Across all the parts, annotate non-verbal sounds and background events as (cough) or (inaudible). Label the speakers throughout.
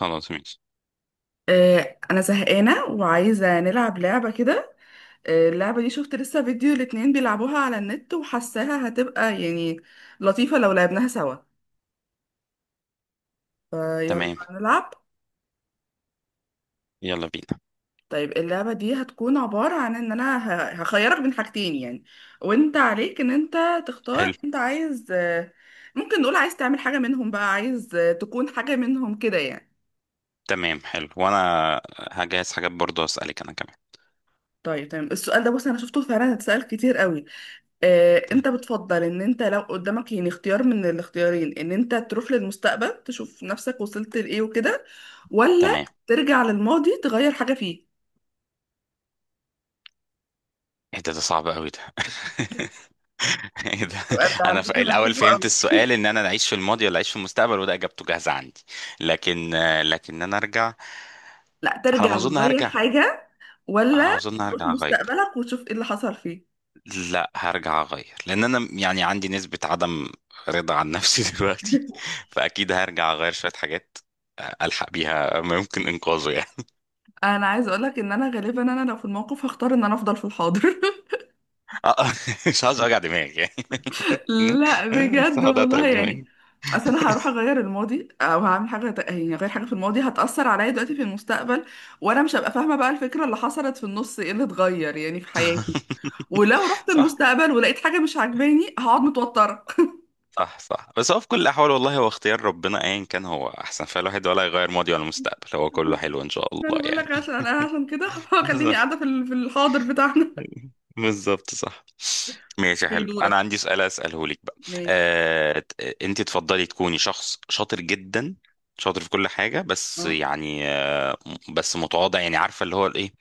Speaker 1: خلاص ماشي.
Speaker 2: انا زهقانه وعايزه نلعب لعبه كده. اللعبه دي شفت لسه فيديو الاتنين بيلعبوها على النت وحاساها هتبقى يعني لطيفه لو لعبناها سوا. فيلا
Speaker 1: تمام،
Speaker 2: نلعب.
Speaker 1: يلا بينا.
Speaker 2: طيب اللعبه دي هتكون عباره عن ان انا هخيرك بين حاجتين يعني، وانت عليك ان انت
Speaker 1: حلو.
Speaker 2: تختار. انت عايز ممكن نقول عايز تعمل حاجه منهم، بقى عايز تكون حاجه منهم كده يعني.
Speaker 1: تمام، حلو وانا هجهز حاجات برضو اسالك انا كمان.
Speaker 2: طيب تمام، السؤال ده بص انا شفته فعلا اتسأل كتير قوي.
Speaker 1: ت-
Speaker 2: انت بتفضل ان انت لو قدامك يعني اختيار من الاختيارين، ان انت تروح للمستقبل تشوف نفسك وصلت لايه وكده، ولا
Speaker 1: تمام.
Speaker 2: ترجع للماضي تغير حاجة فيه؟
Speaker 1: ايه ده؟ ده صعب قوي ده. (laughs) ايه ده؟
Speaker 2: سؤال ده على
Speaker 1: انا في
Speaker 2: فكرة
Speaker 1: الاول
Speaker 2: مكسوفه
Speaker 1: فهمت
Speaker 2: قوي.
Speaker 1: السؤال ان انا اعيش في الماضي ولا اعيش في المستقبل، وده اجابته جاهزه عندي. لكن انا ارجع.
Speaker 2: لا
Speaker 1: على ما
Speaker 2: ترجع
Speaker 1: اظن
Speaker 2: وتغير
Speaker 1: هرجع.
Speaker 2: حاجة،
Speaker 1: على ما
Speaker 2: ولا
Speaker 1: اظن
Speaker 2: تروح
Speaker 1: هرجع اغير.
Speaker 2: مستقبلك وتشوف ايه اللي حصل فيه؟
Speaker 1: لا، هرجع اغير لان انا يعني عندي نسبه عدم رضا عن نفسي (laughs) دلوقتي.
Speaker 2: (laughs)
Speaker 1: فاكيد هرجع اغير شويه حاجات الحق بيها ممكن انقاذه يعني.
Speaker 2: انا عايزه اقولك ان انا غالبا انا لو في الموقف هختار ان انا افضل في الحاضر.
Speaker 1: آه، (laughs) مش عاوز اوجع دماغي يعني.
Speaker 2: لا
Speaker 1: (laughs) بس
Speaker 2: بجد
Speaker 1: هقعد اتعب
Speaker 2: والله يعني.
Speaker 1: دماغي.
Speaker 2: اصل انا هروح اغير الماضي، او هعمل حاجه يعني اغير حاجه في الماضي، هتاثر عليا دلوقتي في المستقبل، وانا مش هبقى فاهمه بقى الفكره اللي حصلت في النص ايه اللي اتغير يعني في حياتي. ولو
Speaker 1: (laughs)
Speaker 2: رحت
Speaker 1: صح،
Speaker 2: المستقبل ولقيت حاجه مش عاجباني هقعد متوتره.
Speaker 1: صح، صح، بس هو في كل الاحوال والله هو اختيار ربنا ايا كان هو احسن فالواحد، ولا يغير ماضي ولا مستقبل، هو
Speaker 2: (laughs)
Speaker 1: كله حلو ان شاء
Speaker 2: انا
Speaker 1: الله
Speaker 2: بقول لك
Speaker 1: يعني.
Speaker 2: عشان انا عشان كده
Speaker 1: (laughs)
Speaker 2: (laughs) خليني قاعده
Speaker 1: بالظبط،
Speaker 2: في الحاضر بتاعنا.
Speaker 1: بالظبط، صح.
Speaker 2: (laughs)
Speaker 1: ماشي
Speaker 2: في
Speaker 1: حلو، انا
Speaker 2: دورك.
Speaker 1: عندي سؤال اساله لك بقى.
Speaker 2: ماشي.
Speaker 1: آه، انت تفضلي تكوني شخص شاطر جدا، شاطر في كل حاجة، بس
Speaker 2: اه.
Speaker 1: يعني بس متواضع، يعني عارفة اللي هو ايه،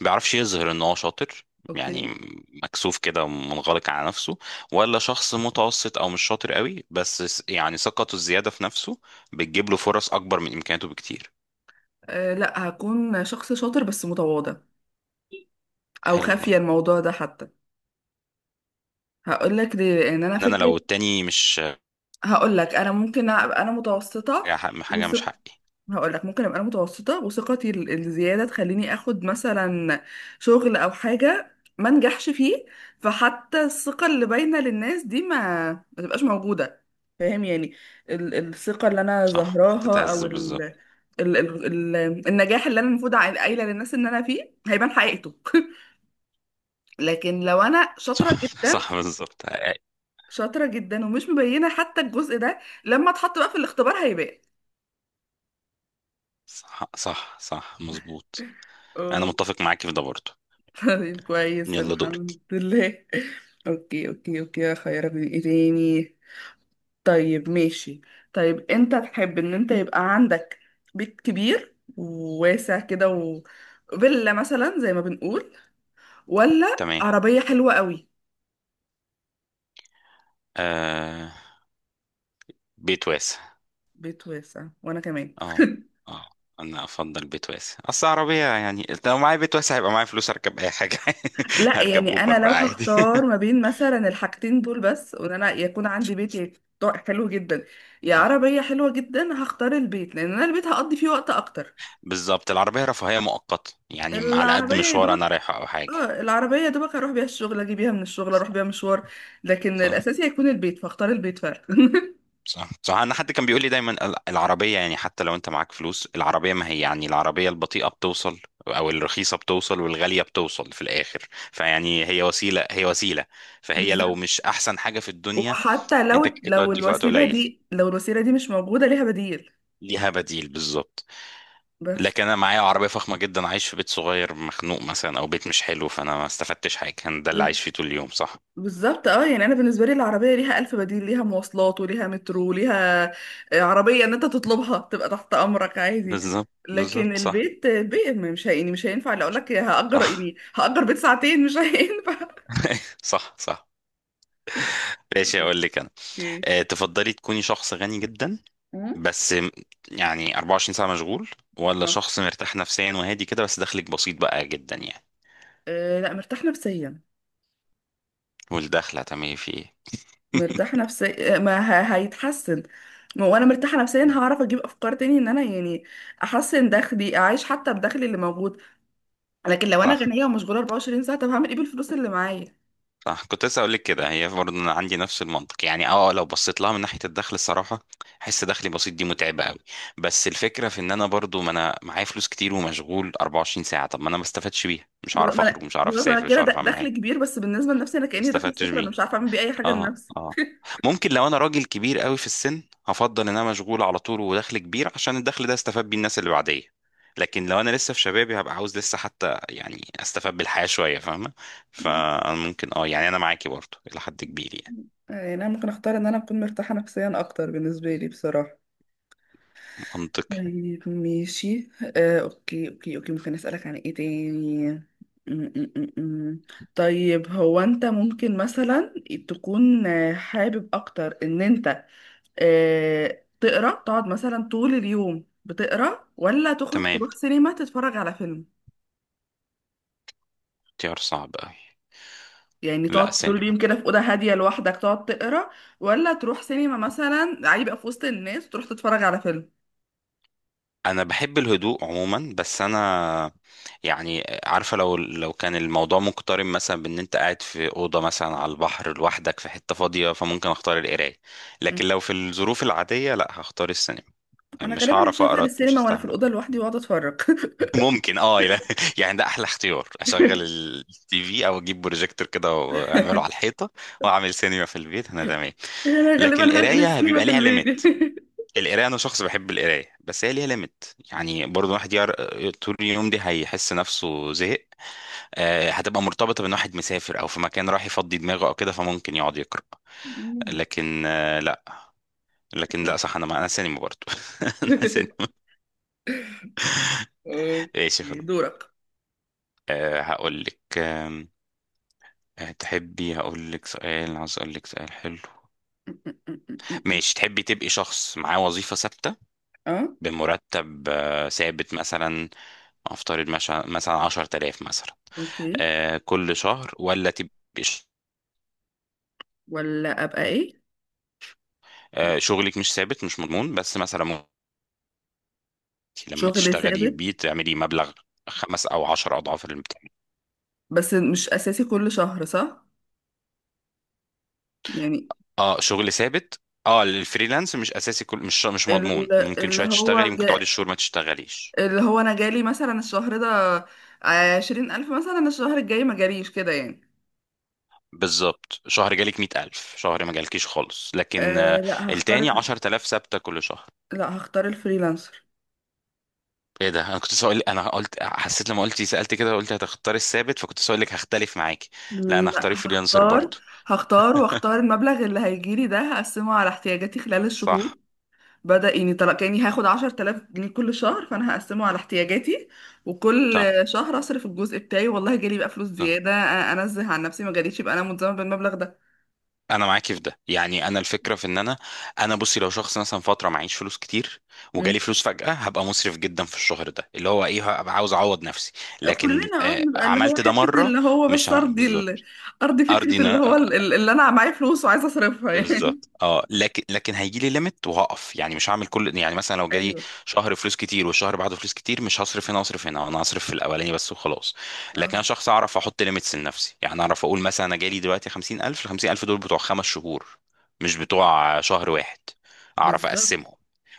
Speaker 1: بيعرفش يظهر ان هو شاطر،
Speaker 2: اوكي.
Speaker 1: يعني مكسوف كده ومنغلق على نفسه. ولا شخص متوسط او مش شاطر قوي، بس يعني ثقته الزياده في نفسه بتجيب له فرص اكبر من امكانياته بكتير.
Speaker 2: أه لا، هكون شخص شاطر بس متواضع، او
Speaker 1: حلو،
Speaker 2: خافيه الموضوع ده حتى. هقول لك ليه، لان انا
Speaker 1: ان انا
Speaker 2: فكره.
Speaker 1: لو التاني مش
Speaker 2: هقول لك انا ممكن ابقى انا متوسطه.
Speaker 1: حاجه مش
Speaker 2: وثق...
Speaker 1: حقي.
Speaker 2: هقول لك ممكن ابقى انا متوسطه، وثقتي الزياده تخليني اخد مثلا شغل او حاجه ما نجحش فيه، فحتى الثقه اللي باينه للناس دي ما تبقاش موجوده. فاهم يعني. الثقه اللي انا
Speaker 1: صح،
Speaker 2: ظاهراها
Speaker 1: هتتهز
Speaker 2: او ال...
Speaker 1: بالظبط.
Speaker 2: ال... ال... ال... النجاح اللي انا المفروض قايله للناس ان انا فيه هيبان حقيقته. (laughs) لكن لو انا
Speaker 1: صح،
Speaker 2: شاطره
Speaker 1: (laughs)
Speaker 2: جدا،
Speaker 1: صح بالظبط.
Speaker 2: شاطره جدا ومش مبينه حتى الجزء ده، لما اتحط بقى في الاختبار هيبان.
Speaker 1: صح، صح، صح، مظبوط. انا
Speaker 2: اه.
Speaker 1: متفق معاكي في ده برضه.
Speaker 2: طيب كويس،
Speaker 1: يلا دورك.
Speaker 2: الحمد لله. اوكي اوكي اوكي. خيرك من ايه تاني؟ طيب ماشي. طيب انت تحب ان انت يبقى عندك بيت كبير وواسع كده و... فيلا مثلا زي ما بنقول، ولا
Speaker 1: تمام،
Speaker 2: عربية حلوة قوي؟
Speaker 1: آه، بيت واسع.
Speaker 2: بيت واسع، وانا كمان.
Speaker 1: اه،
Speaker 2: (laughs)
Speaker 1: اه، انا افضل بيت واسع، اصل عربيه يعني لو معايا بيت واسع هيبقى معايا فلوس اركب اي حاجه. (laughs)
Speaker 2: لا
Speaker 1: هركب
Speaker 2: يعني
Speaker 1: اوبر
Speaker 2: انا لو
Speaker 1: بقى عادي.
Speaker 2: هختار
Speaker 1: (laughs)
Speaker 2: ما بين مثلا الحاجتين دول بس، وان انا يكون عندي بيت حلو جدا، يا
Speaker 1: صح،
Speaker 2: عربية حلوة جدا، هختار البيت لان انا البيت هقضي فيه وقت اكتر.
Speaker 1: بالظبط، العربيه رفاهيه مؤقته يعني على قد
Speaker 2: العربية يا
Speaker 1: مشوار
Speaker 2: دوبك.
Speaker 1: انا رايحه او حاجه.
Speaker 2: اه العربية يا دوبك اروح بيها الشغل، اجي بيها من الشغل، اروح بيها مشوار، لكن
Speaker 1: صح،
Speaker 2: الاساسي هيكون البيت، فاختار البيت فعلا. (laughs)
Speaker 1: صح، صح، انا حد كان بيقول لي دايما، العربيه يعني حتى لو انت معاك فلوس، العربيه ما هي يعني العربيه البطيئه بتوصل او الرخيصه بتوصل والغاليه بتوصل في الاخر. فيعني هي وسيله، هي وسيله، فهي لو
Speaker 2: بالظبط.
Speaker 1: مش احسن حاجه في الدنيا.
Speaker 2: وحتى لو
Speaker 1: انت كده
Speaker 2: لو
Speaker 1: تودي في وقت
Speaker 2: الوسيلة
Speaker 1: قليل.
Speaker 2: دي، لو الوسيلة دي مش موجودة ليها بديل.
Speaker 1: ليها بديل بالظبط.
Speaker 2: بس.
Speaker 1: لكن انا معايا عربيه فخمه جدا عايش في بيت صغير مخنوق مثلا، او بيت مش حلو، فانا ما استفدتش حاجه، انا ده اللي
Speaker 2: بال-
Speaker 1: عايش فيه طول اليوم. صح،
Speaker 2: بالظبط اه، يعني انا بالنسبة لي العربية ليها الف بديل، ليها مواصلات وليها مترو وليها عربية ان انت تطلبها تبقى تحت امرك عادي.
Speaker 1: بالظبط، بالظبط،
Speaker 2: لكن
Speaker 1: صح،
Speaker 2: البيت البيت مش هي- يعني مش هينفع لو اقول لك هأجر،
Speaker 1: صح.
Speaker 2: يعني هأجر بيت ساعتين مش هينفع.
Speaker 1: (laughs) صح، صح. ماشي،
Speaker 2: (laughs)
Speaker 1: اقول لك انا.
Speaker 2: اوكي.
Speaker 1: أه، تفضلي تكوني شخص غني جدا
Speaker 2: أمم.
Speaker 1: بس يعني 24 ساعه مشغول، ولا
Speaker 2: آه.
Speaker 1: شخص مرتاح نفسيا وهادي كده، بس دخلك بسيط بقى جدا يعني.
Speaker 2: لا، مرتاحة نفسيا.
Speaker 1: والدخل هتعملي فيه إيه؟
Speaker 2: مرتاحة نفسيا ما هيتحسن. ما وانا مرتاحة نفسيا هعرف اجيب افكار تاني ان انا يعني احسن دخلي، اعيش حتى بدخلي اللي موجود. لكن لو انا
Speaker 1: صح،
Speaker 2: غنية ومشغولة 24 ساعة، طب هعمل ايه بالفلوس اللي معايا؟
Speaker 1: صح، كنت لسه اقول لك كده، هي برضه انا عندي نفس المنطق يعني. اه، لو بصيت لها من ناحيه الدخل الصراحه احس دخلي بسيط دي متعبه قوي. بس الفكره في ان انا برضه ما انا معايا فلوس كتير ومشغول 24 ساعه، طب ما انا ما استفدتش بيها، مش
Speaker 2: بالظبط
Speaker 1: هعرف
Speaker 2: ما
Speaker 1: اخرج،
Speaker 2: انا،
Speaker 1: مش هعرف
Speaker 2: بالظبط ما انا
Speaker 1: اسافر، مش
Speaker 2: كده
Speaker 1: هعرف اعمل
Speaker 2: دخل
Speaker 1: حاجه.
Speaker 2: كبير، بس بالنسبة لنفسي انا
Speaker 1: ما
Speaker 2: كأني دخل
Speaker 1: استفدتش
Speaker 2: صفر، انا
Speaker 1: بيه.
Speaker 2: مش عارفة اعمل بيه اي حاجة
Speaker 1: اه،
Speaker 2: لنفسي.
Speaker 1: اه، ممكن لو انا راجل كبير قوي في السن هفضل ان انا مشغول على طول ودخل كبير، عشان الدخل ده استفاد بيه الناس اللي بعديه. لكن لو انا لسه في شبابي هبقى عاوز لسه حتى يعني استفاد بالحياة شوية، فاهمة؟ فانا ممكن اه يعني انا معاكي برضه الى حد كبير يعني.
Speaker 2: يعني انا ممكن اختار ان انا اكون مرتاحة نفسيا اكتر بالنسبة لي بصراحة.
Speaker 1: منطقي.
Speaker 2: طيب ماشي. اوكي اوكي اوكي. ممكن اسألك عن ايه تاني؟ م- م- م- م. طيب هو انت ممكن مثلا تكون حابب اكتر ان انت تقرا، تقعد مثلا طول اليوم بتقرا، ولا تخرج
Speaker 1: تمام،
Speaker 2: تروح سينما تتفرج على فيلم؟
Speaker 1: اختيار صعب قوي.
Speaker 2: يعني
Speaker 1: لا،
Speaker 2: تقعد طول
Speaker 1: سينما.
Speaker 2: اليوم كده في اوضه هاديه لوحدك تقعد تقرا، ولا تروح سينما مثلا عادي بقى في وسط الناس وتروح تتفرج على فيلم؟
Speaker 1: انا بحب الهدوء عموما، بس انا يعني عارفه، لو كان الموضوع مقترن مثلا بان انت قاعد في اوضه مثلا على البحر لوحدك في حته فاضيه، فممكن اختار القرايه.
Speaker 2: م.
Speaker 1: لكن لو في الظروف العاديه لا، هختار السينما.
Speaker 2: انا
Speaker 1: مش
Speaker 2: غالبا
Speaker 1: هعرف
Speaker 2: هشغل
Speaker 1: اقرا، مش
Speaker 2: السينما وانا في
Speaker 1: هستحمل.
Speaker 2: الاوضه لوحدي واقعد اتفرج.
Speaker 1: (laughs) ممكن اه لا. (laughs) يعني ده احلى اختيار، اشغل التي في او اجيب بروجيكتور كده واعمله على
Speaker 2: (laughs)
Speaker 1: الحيطه واعمل سينما في البيت، انا تمام.
Speaker 2: انا غالبا
Speaker 1: لكن
Speaker 2: هنقل
Speaker 1: القرايه
Speaker 2: السينما
Speaker 1: بيبقى
Speaker 2: في
Speaker 1: ليها
Speaker 2: البيت.
Speaker 1: ليميت. القرايه، انا شخص بحب القرايه بس هي ليها ليميت، يعني برضه الواحد يقرا طول اليوم دي هيحس نفسه زهق. هتبقى مرتبطه بان واحد مسافر او في مكان راح يفضي دماغه او كده، فممكن يقعد يقرا. لكن آه، لا لكن لا، صح، انا ما انا سينما برضه. (laughs) انا سينما.
Speaker 2: (laughs) آه،
Speaker 1: ماشي خلاص.
Speaker 2: دورك.
Speaker 1: هقول لك، آم، آه، تحبي هقول لك سؤال؟ عايز اقول لك سؤال حلو. ماشي، تحبي تبقي شخص معاه وظيفه ثابته
Speaker 2: اه
Speaker 1: بمرتب ثابت، مثلا افترض مثلا 10000 مثلا،
Speaker 2: اوكي.
Speaker 1: كل شهر، ولا تبقي
Speaker 2: ولا ابقى ايه؟
Speaker 1: شغلك مش ثابت، مش مضمون، بس مثلا ممكن لما
Speaker 2: شغل
Speaker 1: تشتغلي
Speaker 2: ثابت
Speaker 1: بيه تعملي مبلغ خمس او عشر اضعاف اللي بتاعي.
Speaker 2: بس مش اساسي كل شهر صح يعني.
Speaker 1: اه، شغل ثابت. اه، الفريلانس مش اساسي كل، مش مش مضمون،
Speaker 2: ال-
Speaker 1: ممكن
Speaker 2: اللي
Speaker 1: شويه تشتغلي،
Speaker 2: هو
Speaker 1: ممكن تقعدي
Speaker 2: جا...
Speaker 1: شهور ما تشتغليش.
Speaker 2: اللي هو انا جالي مثلا الشهر ده 20 الف مثلا، الشهر الجاي ما جاليش كده يعني.
Speaker 1: بالظبط، شهر جالك 100000، شهر ما جالكيش خالص، لكن
Speaker 2: أه لا هختار
Speaker 1: التاني
Speaker 2: ال-
Speaker 1: 10000 ثابته كل شهر.
Speaker 2: لا هختار الفريلانسر.
Speaker 1: ايه ده، انا كنت سؤال، انا قلت حسيت لما قلتي سألت كده، قلت هتختار الثابت فكنت سؤال لك هختلف معاكي. لا، انا
Speaker 2: لا
Speaker 1: هختار فريلانسر
Speaker 2: هختار
Speaker 1: برضه.
Speaker 2: هختار واختار المبلغ اللي هيجيلي ده، هقسمه على احتياجاتي خلال الشهور.
Speaker 1: صح،
Speaker 2: يعني طلع كأني هاخد 10 تلاف جنيه كل شهر، فأنا هقسمه على احتياجاتي، وكل
Speaker 1: صح،
Speaker 2: شهر أصرف الجزء بتاعي. والله جالي بقى فلوس
Speaker 1: صح،
Speaker 2: زيادة أنزه عن نفسي، ما جاليش يبقى أنا ملزمة بالمبلغ ده.
Speaker 1: انا معاكي في ده، يعني انا الفكره في ان انا بصي لو شخص مثلا فتره معيش فلوس كتير، وجالي
Speaker 2: مم.
Speaker 1: فلوس فجأة، هبقى مسرف جدا في الشهر ده، اللي هو ايه، هبقى عاوز اعوض نفسي. لكن
Speaker 2: كلنا اه
Speaker 1: آه،
Speaker 2: بنبقى اللي هو
Speaker 1: عملت ده
Speaker 2: حتة،
Speaker 1: مره.
Speaker 2: اللي هو
Speaker 1: مش
Speaker 2: بس
Speaker 1: ه...
Speaker 2: أرضي
Speaker 1: بالظبط.
Speaker 2: ال... أرضي
Speaker 1: ارضي،
Speaker 2: فكرة اللي هو اللي أنا معايا فلوس وعايزة أصرفها يعني.
Speaker 1: بالظبط، اه، لكن هيجي لي ليميت وهقف، يعني مش هعمل كل، يعني مثلا لو
Speaker 2: (laughs)
Speaker 1: جالي
Speaker 2: أيوه
Speaker 1: شهر فلوس كتير والشهر بعده فلوس كتير، مش هصرف هنا واصرف هنا، انا هصرف في الاولاني بس وخلاص. لكن
Speaker 2: اه
Speaker 1: انا شخص اعرف احط ليميتس لنفسي، يعني اعرف اقول مثلا انا جالي دلوقتي 50000، ال 50000 دول بتوع خمس شهور، مش بتوع شهر واحد، اعرف
Speaker 2: بالظبط
Speaker 1: اقسمهم.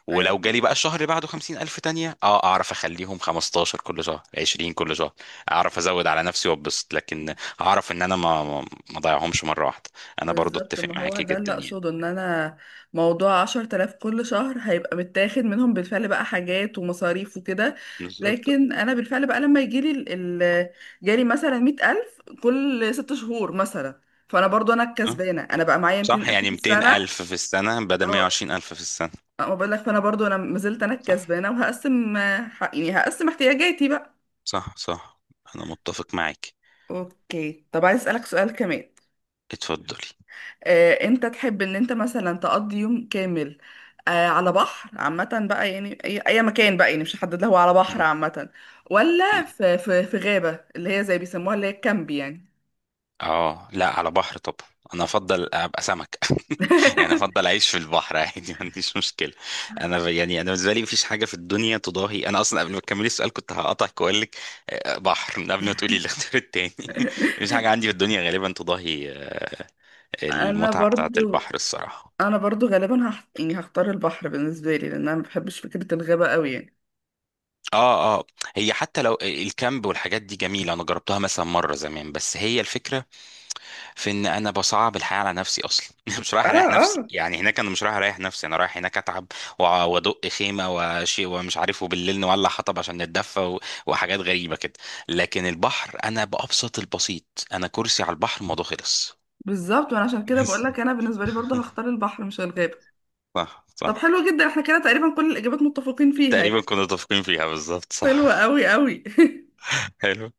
Speaker 1: ولو
Speaker 2: ايوه.
Speaker 1: جالي بقى الشهر اللي بعده 50000 تانية، اه اعرف اخليهم 15 كل شهر، 20 كل شهر، اعرف ازود على نفسي وابسط، لكن اعرف ان انا ما اضيعهمش مرة واحدة. انا برضو
Speaker 2: بالظبط،
Speaker 1: اتفق
Speaker 2: ما هو
Speaker 1: معاكي
Speaker 2: ده
Speaker 1: جدا
Speaker 2: اللي
Speaker 1: يعني.
Speaker 2: اقصده، ان انا موضوع 10 تلاف كل شهر هيبقى متاخد منهم بالفعل بقى حاجات ومصاريف وكده.
Speaker 1: بالظبط.
Speaker 2: لكن انا بالفعل بقى لما يجيلي جالي مثلا 100 ألف كل 6 شهور مثلا، فانا برضو انا
Speaker 1: أه؟
Speaker 2: الكسبانة، انا بقى معايا ميتين
Speaker 1: صح،
Speaker 2: ألف في
Speaker 1: يعني 200
Speaker 2: السنة.
Speaker 1: الف في السنة بدل
Speaker 2: اه.
Speaker 1: 120 الف في السنة.
Speaker 2: ما بقولك، فانا برضو انا ما زلت انا
Speaker 1: صح،
Speaker 2: الكسبانة، وهقسم يعني هقسم احتياجاتي بقى.
Speaker 1: صح، صح، انا متفق معاكي.
Speaker 2: اوكي طب عايز اسألك سؤال كمان.
Speaker 1: اتفضلي.
Speaker 2: انت تحب ان انت مثلا تقضي يوم كامل على بحر عامة بقى يعني، اي أي مكان بقى يعني مش هحدد له، هو على بحر
Speaker 1: مم.
Speaker 2: عامة،
Speaker 1: مم.
Speaker 2: ولا في غابة اللي هي زي بيسموها اللي هي الكامب يعني؟
Speaker 1: اه لا، على بحر طبعا. انا افضل ابقى سمك. (laughs) يعني افضل
Speaker 2: (laughs)
Speaker 1: اعيش في البحر عادي، ما عنديش مشكله. انا يعني انا بالنسبه لي مفيش حاجه في الدنيا تضاهي، انا اصلا قبل ما تكملي السؤال كنت هقطعك واقول لك بحر، من قبل ما تقولي الاختيار التاني. (laughs) مفيش حاجه عندي في الدنيا غالبا تضاهي
Speaker 2: انا
Speaker 1: المتعه بتاعه
Speaker 2: برضو،
Speaker 1: البحر الصراحه.
Speaker 2: انا برضو غالبا يعني هختار البحر بالنسبة لي لان انا ما بحبش فكرة الغابة قوي يعني.
Speaker 1: اه، اه، هي حتى لو الكامب والحاجات دي جميله، انا جربتها مثلا مره زمان، بس هي الفكره في ان انا بصعب الحياه على نفسي اصلا. (laughs) مش
Speaker 2: اه
Speaker 1: رايح اريح نفسي
Speaker 2: اه.
Speaker 1: يعني، هناك انا مش رايح اريح نفسي، انا رايح هناك اتعب، وادق خيمه وشيء ومش عارف، وبالليل نولع حطب عشان نتدفى وحاجات غريبه كده. لكن البحر انا بابسط البسيط، انا كرسي على البحر الموضوع خلص.
Speaker 2: بالظبط، وانا عشان
Speaker 1: (laughs)
Speaker 2: كده بقول
Speaker 1: بس
Speaker 2: لك انا بالنسبة لي برضو هختار البحر مش الغابة.
Speaker 1: صح،
Speaker 2: طب
Speaker 1: صح.
Speaker 2: حلو جدا، احنا كده تقريبا كل الاجابات متفقين فيها
Speaker 1: تقريبا
Speaker 2: يعني.
Speaker 1: كنا متفقين فيها، بالظبط
Speaker 2: حلوة
Speaker 1: صح.
Speaker 2: قوي قوي. (laughs)
Speaker 1: (laughs) حلو.